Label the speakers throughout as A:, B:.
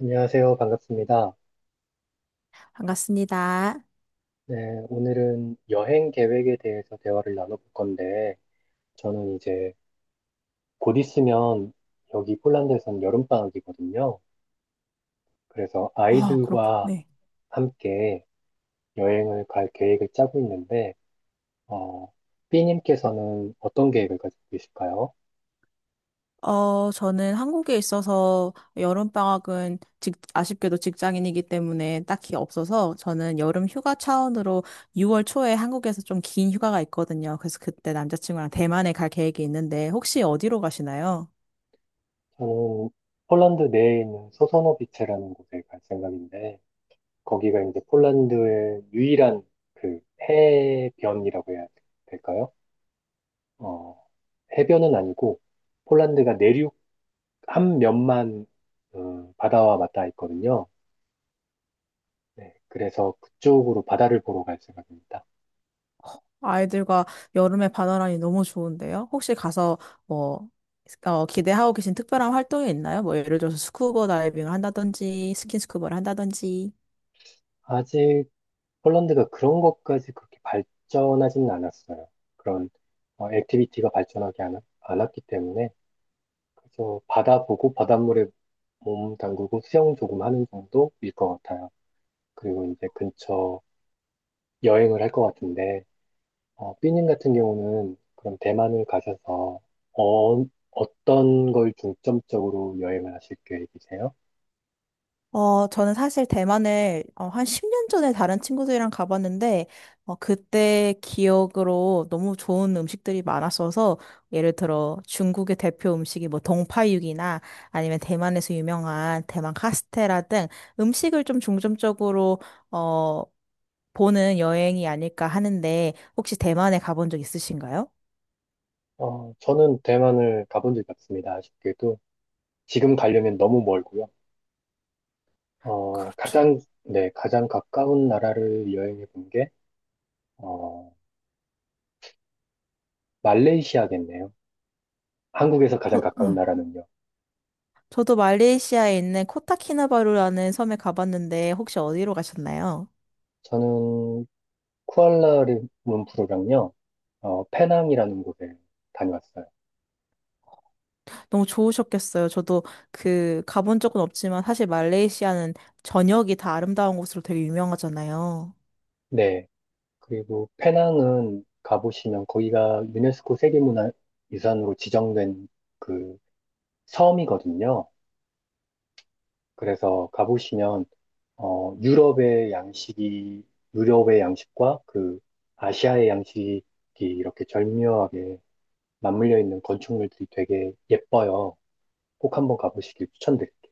A: 안녕하세요. 반갑습니다.
B: 반갑습니다.
A: 네, 오늘은 여행 계획에 대해서 대화를 나눠볼 건데, 저는 이제 곧 있으면 여기 폴란드에선 여름방학이거든요. 그래서
B: 아, 그렇군.
A: 아이들과 함께 여행을 갈 계획을 짜고 있는데, 어, B님께서는 어떤 계획을 가지고 계실까요?
B: 저는 한국에 있어서 여름방학은 아쉽게도 직장인이기 때문에 딱히 없어서 저는 여름 휴가 차원으로 6월 초에 한국에서 좀 긴 휴가가 있거든요. 그래서 그때 남자친구랑 대만에 갈 계획이 있는데 혹시 어디로 가시나요?
A: 저는 폴란드 내에 있는 소서노비체라는 곳에 갈 생각인데, 거기가 이제 폴란드의 유일한 그 해변이라고 해야 될까요? 어, 해변은 아니고 폴란드가 내륙 한 면만 바다와 맞닿아 있거든요. 네, 그래서 그쪽으로 바다를 보러 갈 생각입니다.
B: 아이들과 여름에 바다라니 너무 좋은데요? 혹시 가서 뭐, 기대하고 계신 특별한 활동이 있나요? 뭐 예를 들어서 스쿠버 다이빙을 한다든지 스킨스쿠버를 한다든지.
A: 아직 폴란드가 그런 것까지 그렇게 발전하지는 않았어요. 그런 액티비티가 발전하지 않았기 때문에 그래서 바다 보고 바닷물에 몸 담그고 수영 조금 하는 정도일 것 같아요. 그리고 이제 근처 여행을 할 것 같은데 삐님 같은 경우는 그럼 대만을 가셔서 어, 어떤 걸 중점적으로 여행을 하실 계획이세요?
B: 저는 사실 대만을 한 10년 전에 다른 친구들이랑 가봤는데, 그때 기억으로 너무 좋은 음식들이 많았어서, 예를 들어 중국의 대표 음식이 뭐 동파육이나 아니면 대만에서 유명한 대만 카스테라 등 음식을 좀 중점적으로, 어, 보는 여행이 아닐까 하는데, 혹시 대만에 가본 적 있으신가요?
A: 저는 대만을 가본 적이 없습니다. 아쉽게도 지금 가려면 너무 멀고요. 어,
B: 그렇죠.
A: 가장, 네, 가장 가까운 나라를 여행해 본 게, 어, 말레이시아겠네요. 한국에서 가장 가까운
B: 응.
A: 나라는요.
B: 저도 말레이시아에 있는 코타키나바루라는 섬에 가봤는데, 혹시 어디로 가셨나요?
A: 저는 쿠알라룸푸르랑요, 페낭이라는 곳에 다녀왔어요.
B: 너무 좋으셨겠어요. 저도 그 가본 적은 없지만 사실 말레이시아는 전역이 다 아름다운 곳으로 되게 유명하잖아요.
A: 네. 그리고 페낭은 가보시면 거기가 유네스코 세계문화유산으로 지정된 그 섬이거든요. 그래서 가보시면 어, 유럽의 양식이 유럽의 양식과 그 아시아의 양식이 이렇게 절묘하게 맞물려 있는 건축물들이 되게 예뻐요. 꼭 한번 가보시길 추천드릴게요.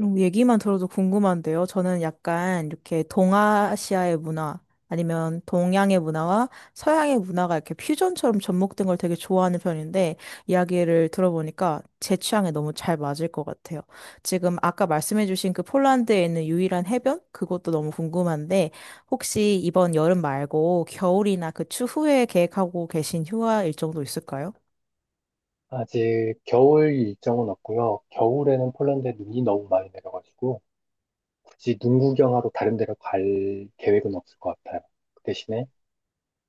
B: 얘기만 들어도 궁금한데요. 저는 약간 이렇게 동아시아의 문화 아니면 동양의 문화와 서양의 문화가 이렇게 퓨전처럼 접목된 걸 되게 좋아하는 편인데 이야기를 들어보니까 제 취향에 너무 잘 맞을 것 같아요. 지금 아까 말씀해주신 그 폴란드에 있는 유일한 해변? 그것도 너무 궁금한데 혹시 이번 여름 말고 겨울이나 그 추후에 계획하고 계신 휴가 일정도 있을까요?
A: 아직 겨울 일정은 없고요. 겨울에는 폴란드에 눈이 너무 많이 내려가지고 굳이 눈 구경하러 다른 데로 갈 계획은 없을 것 같아요. 그 대신에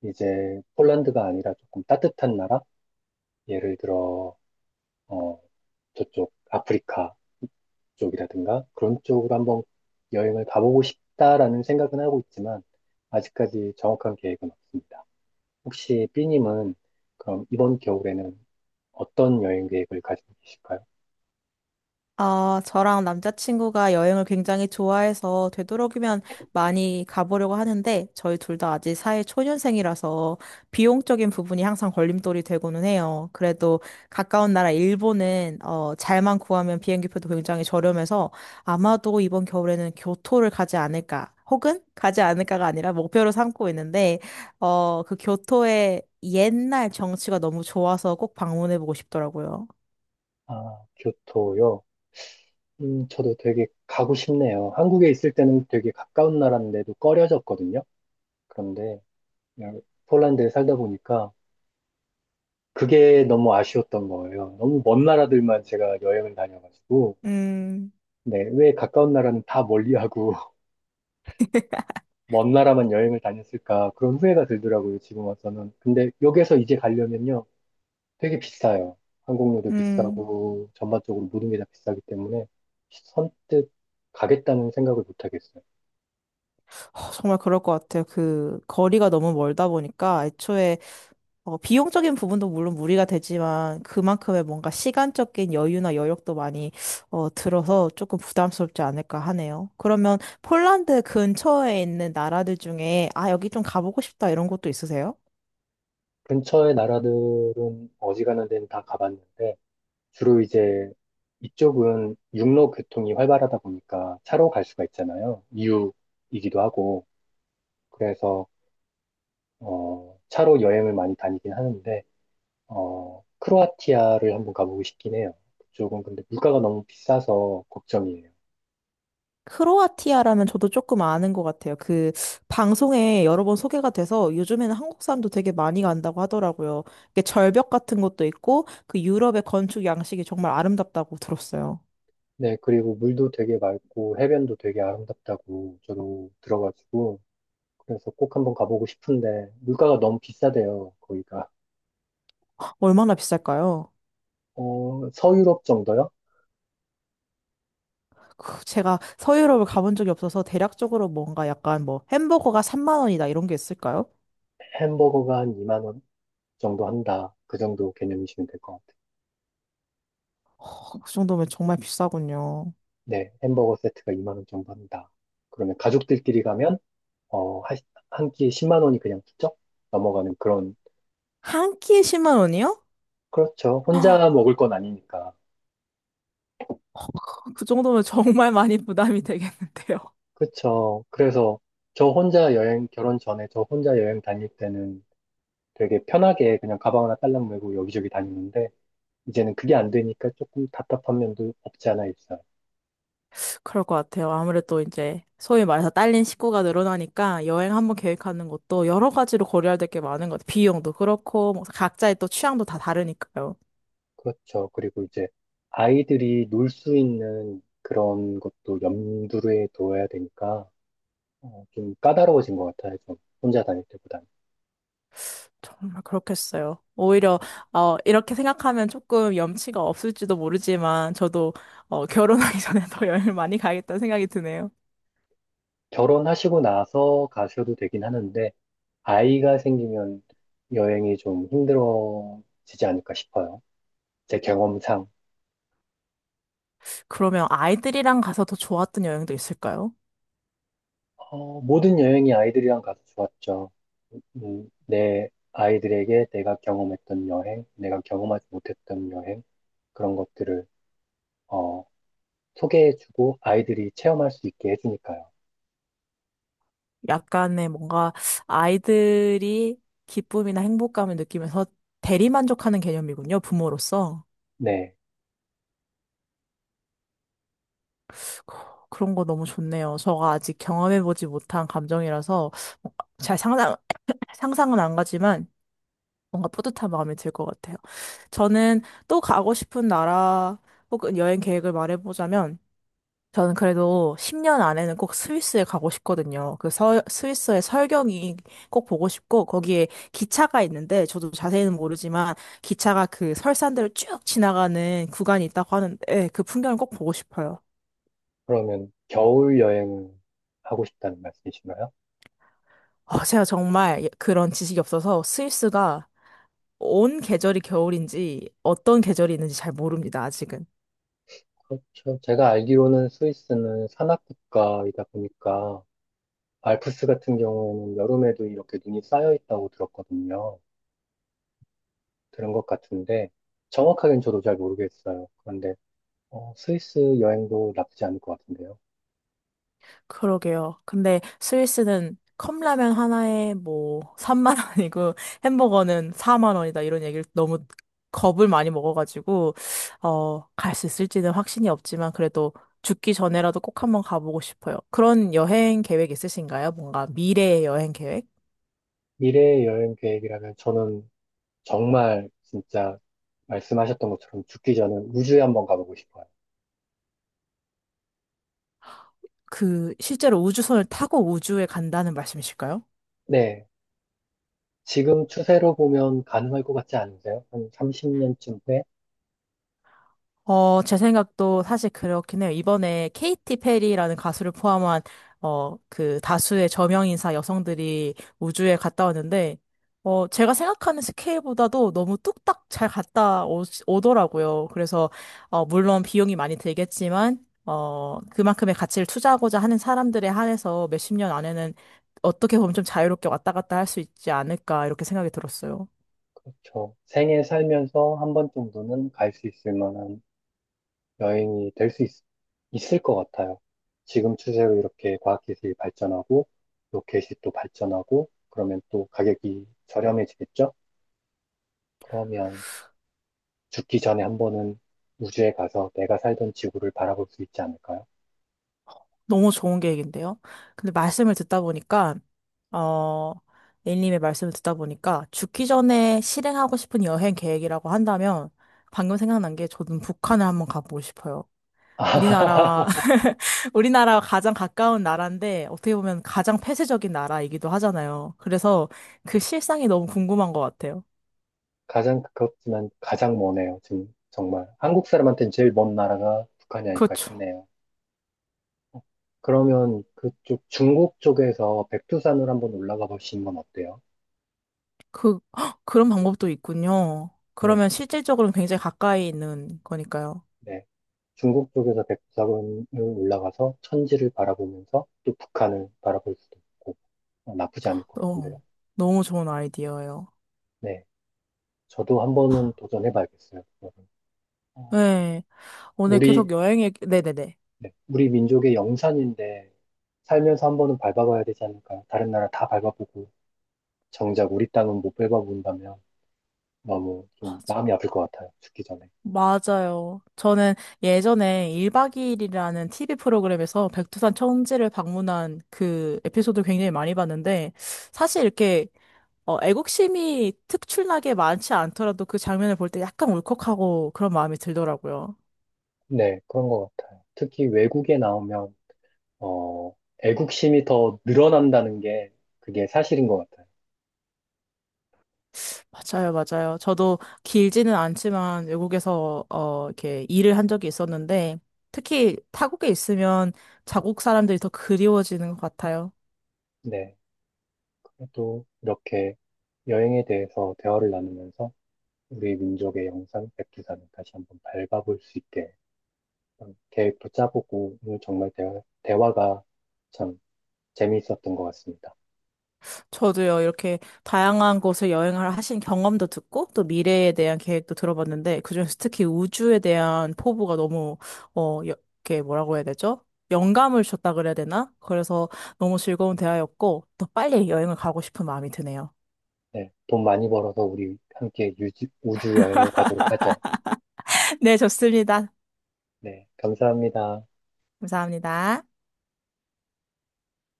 A: 이제 폴란드가 아니라 조금 따뜻한 나라? 예를 들어, 어, 저쪽 아프리카 쪽이라든가 그런 쪽으로 한번 여행을 가보고 싶다라는 생각은 하고 있지만 아직까지 정확한 계획은 없습니다. 혹시 B님은 그럼 이번 겨울에는 어떤 여행 계획을 가지고 계실까요?
B: 아, 저랑 남자친구가 여행을 굉장히 좋아해서 되도록이면 많이 가보려고 하는데 저희 둘 다 아직 사회 초년생이라서 비용적인 부분이 항상 걸림돌이 되고는 해요. 그래도 가까운 나라 일본은 잘만 구하면 비행기표도 굉장히 저렴해서 아마도 이번 겨울에는 교토를 가지 않을까 혹은 가지 않을까가 아니라 목표로 삼고 있는데 그 교토의 옛날 정취가 너무 좋아서 꼭 방문해보고 싶더라고요.
A: 아, 교토요? 저도 되게 가고 싶네요. 한국에 있을 때는 되게 가까운 나라인데도 꺼려졌거든요. 그런데 그냥 폴란드에 살다 보니까 그게 너무 아쉬웠던 거예요. 너무 먼 나라들만 제가 여행을 다녀가지고
B: 음.
A: 네, 왜 가까운 나라는 다 멀리하고 먼 나라만 여행을 다녔을까 그런 후회가 들더라고요. 지금 와서는. 근데 여기서 이제 가려면요. 되게 비싸요. 항공료도
B: 음.
A: 비싸고 전반적으로 모든 게 다 비싸기 때문에 선뜻 가겠다는 생각을 못 하겠어요.
B: 정말 그럴 것 같아요. 그 거리가 너무 멀다 보니까 애초에 비용적인 부분도 물론 무리가 되지만 그만큼의 뭔가 시간적인 여유나 여력도 많이 들어서 조금 부담스럽지 않을까 하네요. 그러면 폴란드 근처에 있는 나라들 중에 아, 여기 좀 가보고 싶다 이런 곳도 있으세요?
A: 근처의 나라들은 어지간한 데는 다 가봤는데 주로 이제 이쪽은 육로 교통이 활발하다 보니까 차로 갈 수가 있잖아요. 이유이기도 하고. 그래서, 차로 여행을 많이 다니긴 하는데, 크로아티아를 한번 가보고 싶긴 해요. 그쪽은 근데 물가가 너무 비싸서 걱정이에요.
B: 크로아티아라면 저도 조금 아는 것 같아요. 그 방송에 여러 번 소개가 돼서 요즘에는 한국 사람도 되게 많이 간다고 하더라고요. 이게 절벽 같은 것도 있고 그 유럽의 건축 양식이 정말 아름답다고 들었어요.
A: 네, 그리고 물도 되게 맑고 해변도 되게 아름답다고 저도 들어가지고, 그래서 꼭 한번 가보고 싶은데, 물가가 너무 비싸대요, 거기가.
B: 얼마나 비쌀까요?
A: 서유럽 정도요?
B: 제가 서유럽을 가본 적이 없어서 대략적으로 뭔가 약간 뭐 햄버거가 3만 원이다 이런 게 있을까요?
A: 햄버거가 한 2만 원? 정도 한다. 그 정도 개념이시면 될 것 같아요.
B: 그 정도면 정말 비싸군요.
A: 네, 햄버거 세트가 2만 원 정도 한다. 그러면 가족들끼리 가면 어, 하- 한 끼에 10만 원이 그냥 훌쩍 넘어가는 그런.
B: 한 끼에 10만 원이요?
A: 그렇죠.
B: 어,
A: 혼자 먹을 건 아니니까.
B: 그 정도면 정말 많이 부담이 되겠는데요.
A: 그렇죠. 그래서 저 혼자 여행 결혼 전에 저 혼자 여행 다닐 때는 되게 편하게 그냥 가방 하나 딸랑 메고 여기저기 다니는데 이제는 그게 안 되니까 조금 답답한 면도 없지 않아 있어요.
B: 그럴 것 같아요. 아무래도 이제 소위 말해서 딸린 식구가 늘어나니까 여행 한 번 계획하는 것도 여러 가지로 고려해야 될 게 많은 것 같아요. 비용도 그렇고 뭐 각자의 또 취향도 다 다르니까요.
A: 그렇죠. 그리고 이제 아이들이 놀 수 있는 그런 것도 염두에 둬야 되니까 좀 까다로워진 것 같아요. 좀 혼자 다닐 때보다는.
B: 정말 그렇겠어요. 오히려 이렇게 생각하면 조금 염치가 없을지도 모르지만 저도 결혼하기 전에 더 여행을 많이 가야겠다는 생각이 드네요.
A: 결혼하시고 나서 가셔도 되긴 하는데 아이가 생기면 여행이 좀 힘들어지지 않을까 싶어요. 제 경험상.
B: 그러면 아이들이랑 가서 더 좋았던 여행도 있을까요?
A: 모든 여행이 아이들이랑 가서 좋았죠. 내 아이들에게 내가 경험했던 여행, 내가 경험하지 못했던 여행, 그런 것들을 어, 소개해주고 아이들이 체험할 수 있게 해주니까요.
B: 약간의 뭔가 아이들이 기쁨이나 행복감을 느끼면서 대리만족하는 개념이군요, 부모로서.
A: 네.
B: 그런 거 너무 좋네요. 저가 아직 경험해보지 못한 감정이라서 뭔가 잘 상상은 안 가지만 뭔가 뿌듯한 마음이 들 것 같아요. 저는 또 가고 싶은 나라 혹은 여행 계획을 말해보자면 저는 그래도 10년 안에는 꼭 스위스에 가고 싶거든요. 그 스위스의 설경이 꼭 보고 싶고, 거기에 기차가 있는데, 저도 자세히는 모르지만, 기차가 그 설산들을 쭉 지나가는 구간이 있다고 하는데, 예, 그 풍경을 꼭 보고 싶어요.
A: 그러면 겨울 여행을 하고 싶다는 말씀이신가요?
B: 제가 정말 그런 지식이 없어서 스위스가 온 계절이 겨울인지 어떤 계절이 있는지 잘 모릅니다, 아직은.
A: 그렇죠. 제가 알기로는 스위스는 산악 국가이다 보니까 알프스 같은 경우에는 여름에도 이렇게 눈이 쌓여 있다고 들었거든요. 들은 것 같은데 정확하게는 저도 잘 모르겠어요. 그런데 스위스 여행도 나쁘지 않을 것 같은데요.
B: 그러게요. 근데 스위스는 컵라면 하나에 뭐 3만 원이고 햄버거는 4만 원이다 이런 얘기를 너무 겁을 많이 먹어가지고 갈 수 있을지는 확신이 없지만 그래도 죽기 전에라도 꼭 한번 가보고 싶어요. 그런 여행 계획 있으신가요? 뭔가 미래의 여행 계획?
A: 미래의 여행 계획이라면 저는 정말 진짜 말씀하셨던 것처럼 죽기 전에 우주에 한번 가보고 싶어요.
B: 그 실제로 우주선을 타고 우주에 간다는 말씀이실까요?
A: 네. 지금 추세로 보면 가능할 것 같지 않으세요? 한 30년쯤 후에?
B: 제 생각도 사실 그렇긴 해요. 이번에 케이티 페리라는 가수를 포함한, 그 다수의 저명인사 여성들이 우주에 갔다 왔는데, 제가 생각하는 스케일보다도 너무 뚝딱 잘 갔다 오더라고요. 그래서, 물론 비용이 많이 들겠지만, 그만큼의 가치를 투자하고자 하는 사람들에 한해서 몇 십 년 안에는 어떻게 보면 좀 자유롭게 왔다 갔다 할 수 있지 않을까, 이렇게 생각이 들었어요.
A: 그렇죠. 생애 살면서 한 번 정도는 갈 수 있을 만한 여행이 될 수 있을 것 같아요. 지금 추세로 이렇게 과학기술이 발전하고, 로켓이 또 발전하고, 그러면 또 가격이 저렴해지겠죠? 그러면 죽기 전에 한 번은 우주에 가서 내가 살던 지구를 바라볼 수 있지 않을까요?
B: 너무 좋은 계획인데요. 근데 말씀을 듣다 보니까, 어, A님의 말씀을 듣다 보니까, 죽기 전에 실행하고 싶은 여행 계획이라고 한다면, 방금 생각난 게 저는 북한을 한번 가보고 싶어요. 우리나라와, 우리나라와 가장 가까운 나라인데, 어떻게 보면 가장 폐쇄적인 나라이기도 하잖아요. 그래서 그 실상이 너무 궁금한 것 같아요.
A: 가장 가깝지만 가장 머네요, 지금. 정말. 한국 사람한테는 제일 먼 나라가 북한이 아닐까
B: 그렇죠.
A: 싶네요. 그러면 그쪽 중국 쪽에서 백두산을 한번 올라가 보시는 건 어때요?
B: 헉, 그런 방법도 있군요.
A: 네,
B: 그러면 실질적으로는 굉장히 가까이 있는 거니까요.
A: 네. 중국 쪽에서 백두산을 올라가서 천지를 바라보면서 또 북한을 바라볼 수도 있고 나쁘지 않을 것
B: 어,
A: 같은데요.
B: 너무 좋은 아이디어예요.
A: 네, 저도 한 번은 도전해 봐야겠어요. 그거를. 어,
B: 네, 오늘 계속
A: 우리,
B: 여행 얘기, 네네네.
A: 네, 우리 민족의 영산인데 살면서 한 번은 밟아봐야 되지 않을까요? 다른 나라 다 밟아보고 정작 우리 땅은 못 밟아본다면 너무 좀 마음이
B: 맞아요.
A: 아플 것 같아요. 죽기 전에.
B: 맞아요. 저는 예전에 1박 2일이라는 TV 프로그램에서 백두산 청지를 방문한 그 에피소드 굉장히 많이 봤는데, 사실 이렇게 애국심이 특출나게 많지 않더라도 그 장면을 볼 때 약간 울컥하고 그런 마음이 들더라고요.
A: 네, 그런 것 같아요. 특히 외국에 나오면 어, 애국심이 더 늘어난다는 게 그게 사실인 것 같아요.
B: 맞아요, 맞아요. 저도 길지는 않지만 외국에서 이렇게 일을 한 적이 있었는데 특히 타국에 있으면 자국 사람들이 더 그리워지는 것 같아요.
A: 네, 그래도 이렇게 여행에 대해서 대화를 나누면서 우리 민족의 영상 백두산을 다시 한번 밟아볼 수 있게 그런 계획도 짜보고 오늘 정말 대화가 참 재미있었던 것 같습니다.
B: 저도요, 이렇게 다양한 곳을 여행을 하신 경험도 듣고 또 미래에 대한 계획도 들어봤는데 그중에서 특히 우주에 대한 포부가 너무 어 여- 이렇게 뭐라고 해야 되죠? 영감을 줬다 그래야 되나? 그래서 너무 즐거운 대화였고 더 빨리 여행을 가고 싶은 마음이 드네요.
A: 네, 돈 많이 벌어서 우리 함께 우주 여행을 가도록 하죠.
B: 네, 좋습니다.
A: 네, 감사합니다.
B: 감사합니다.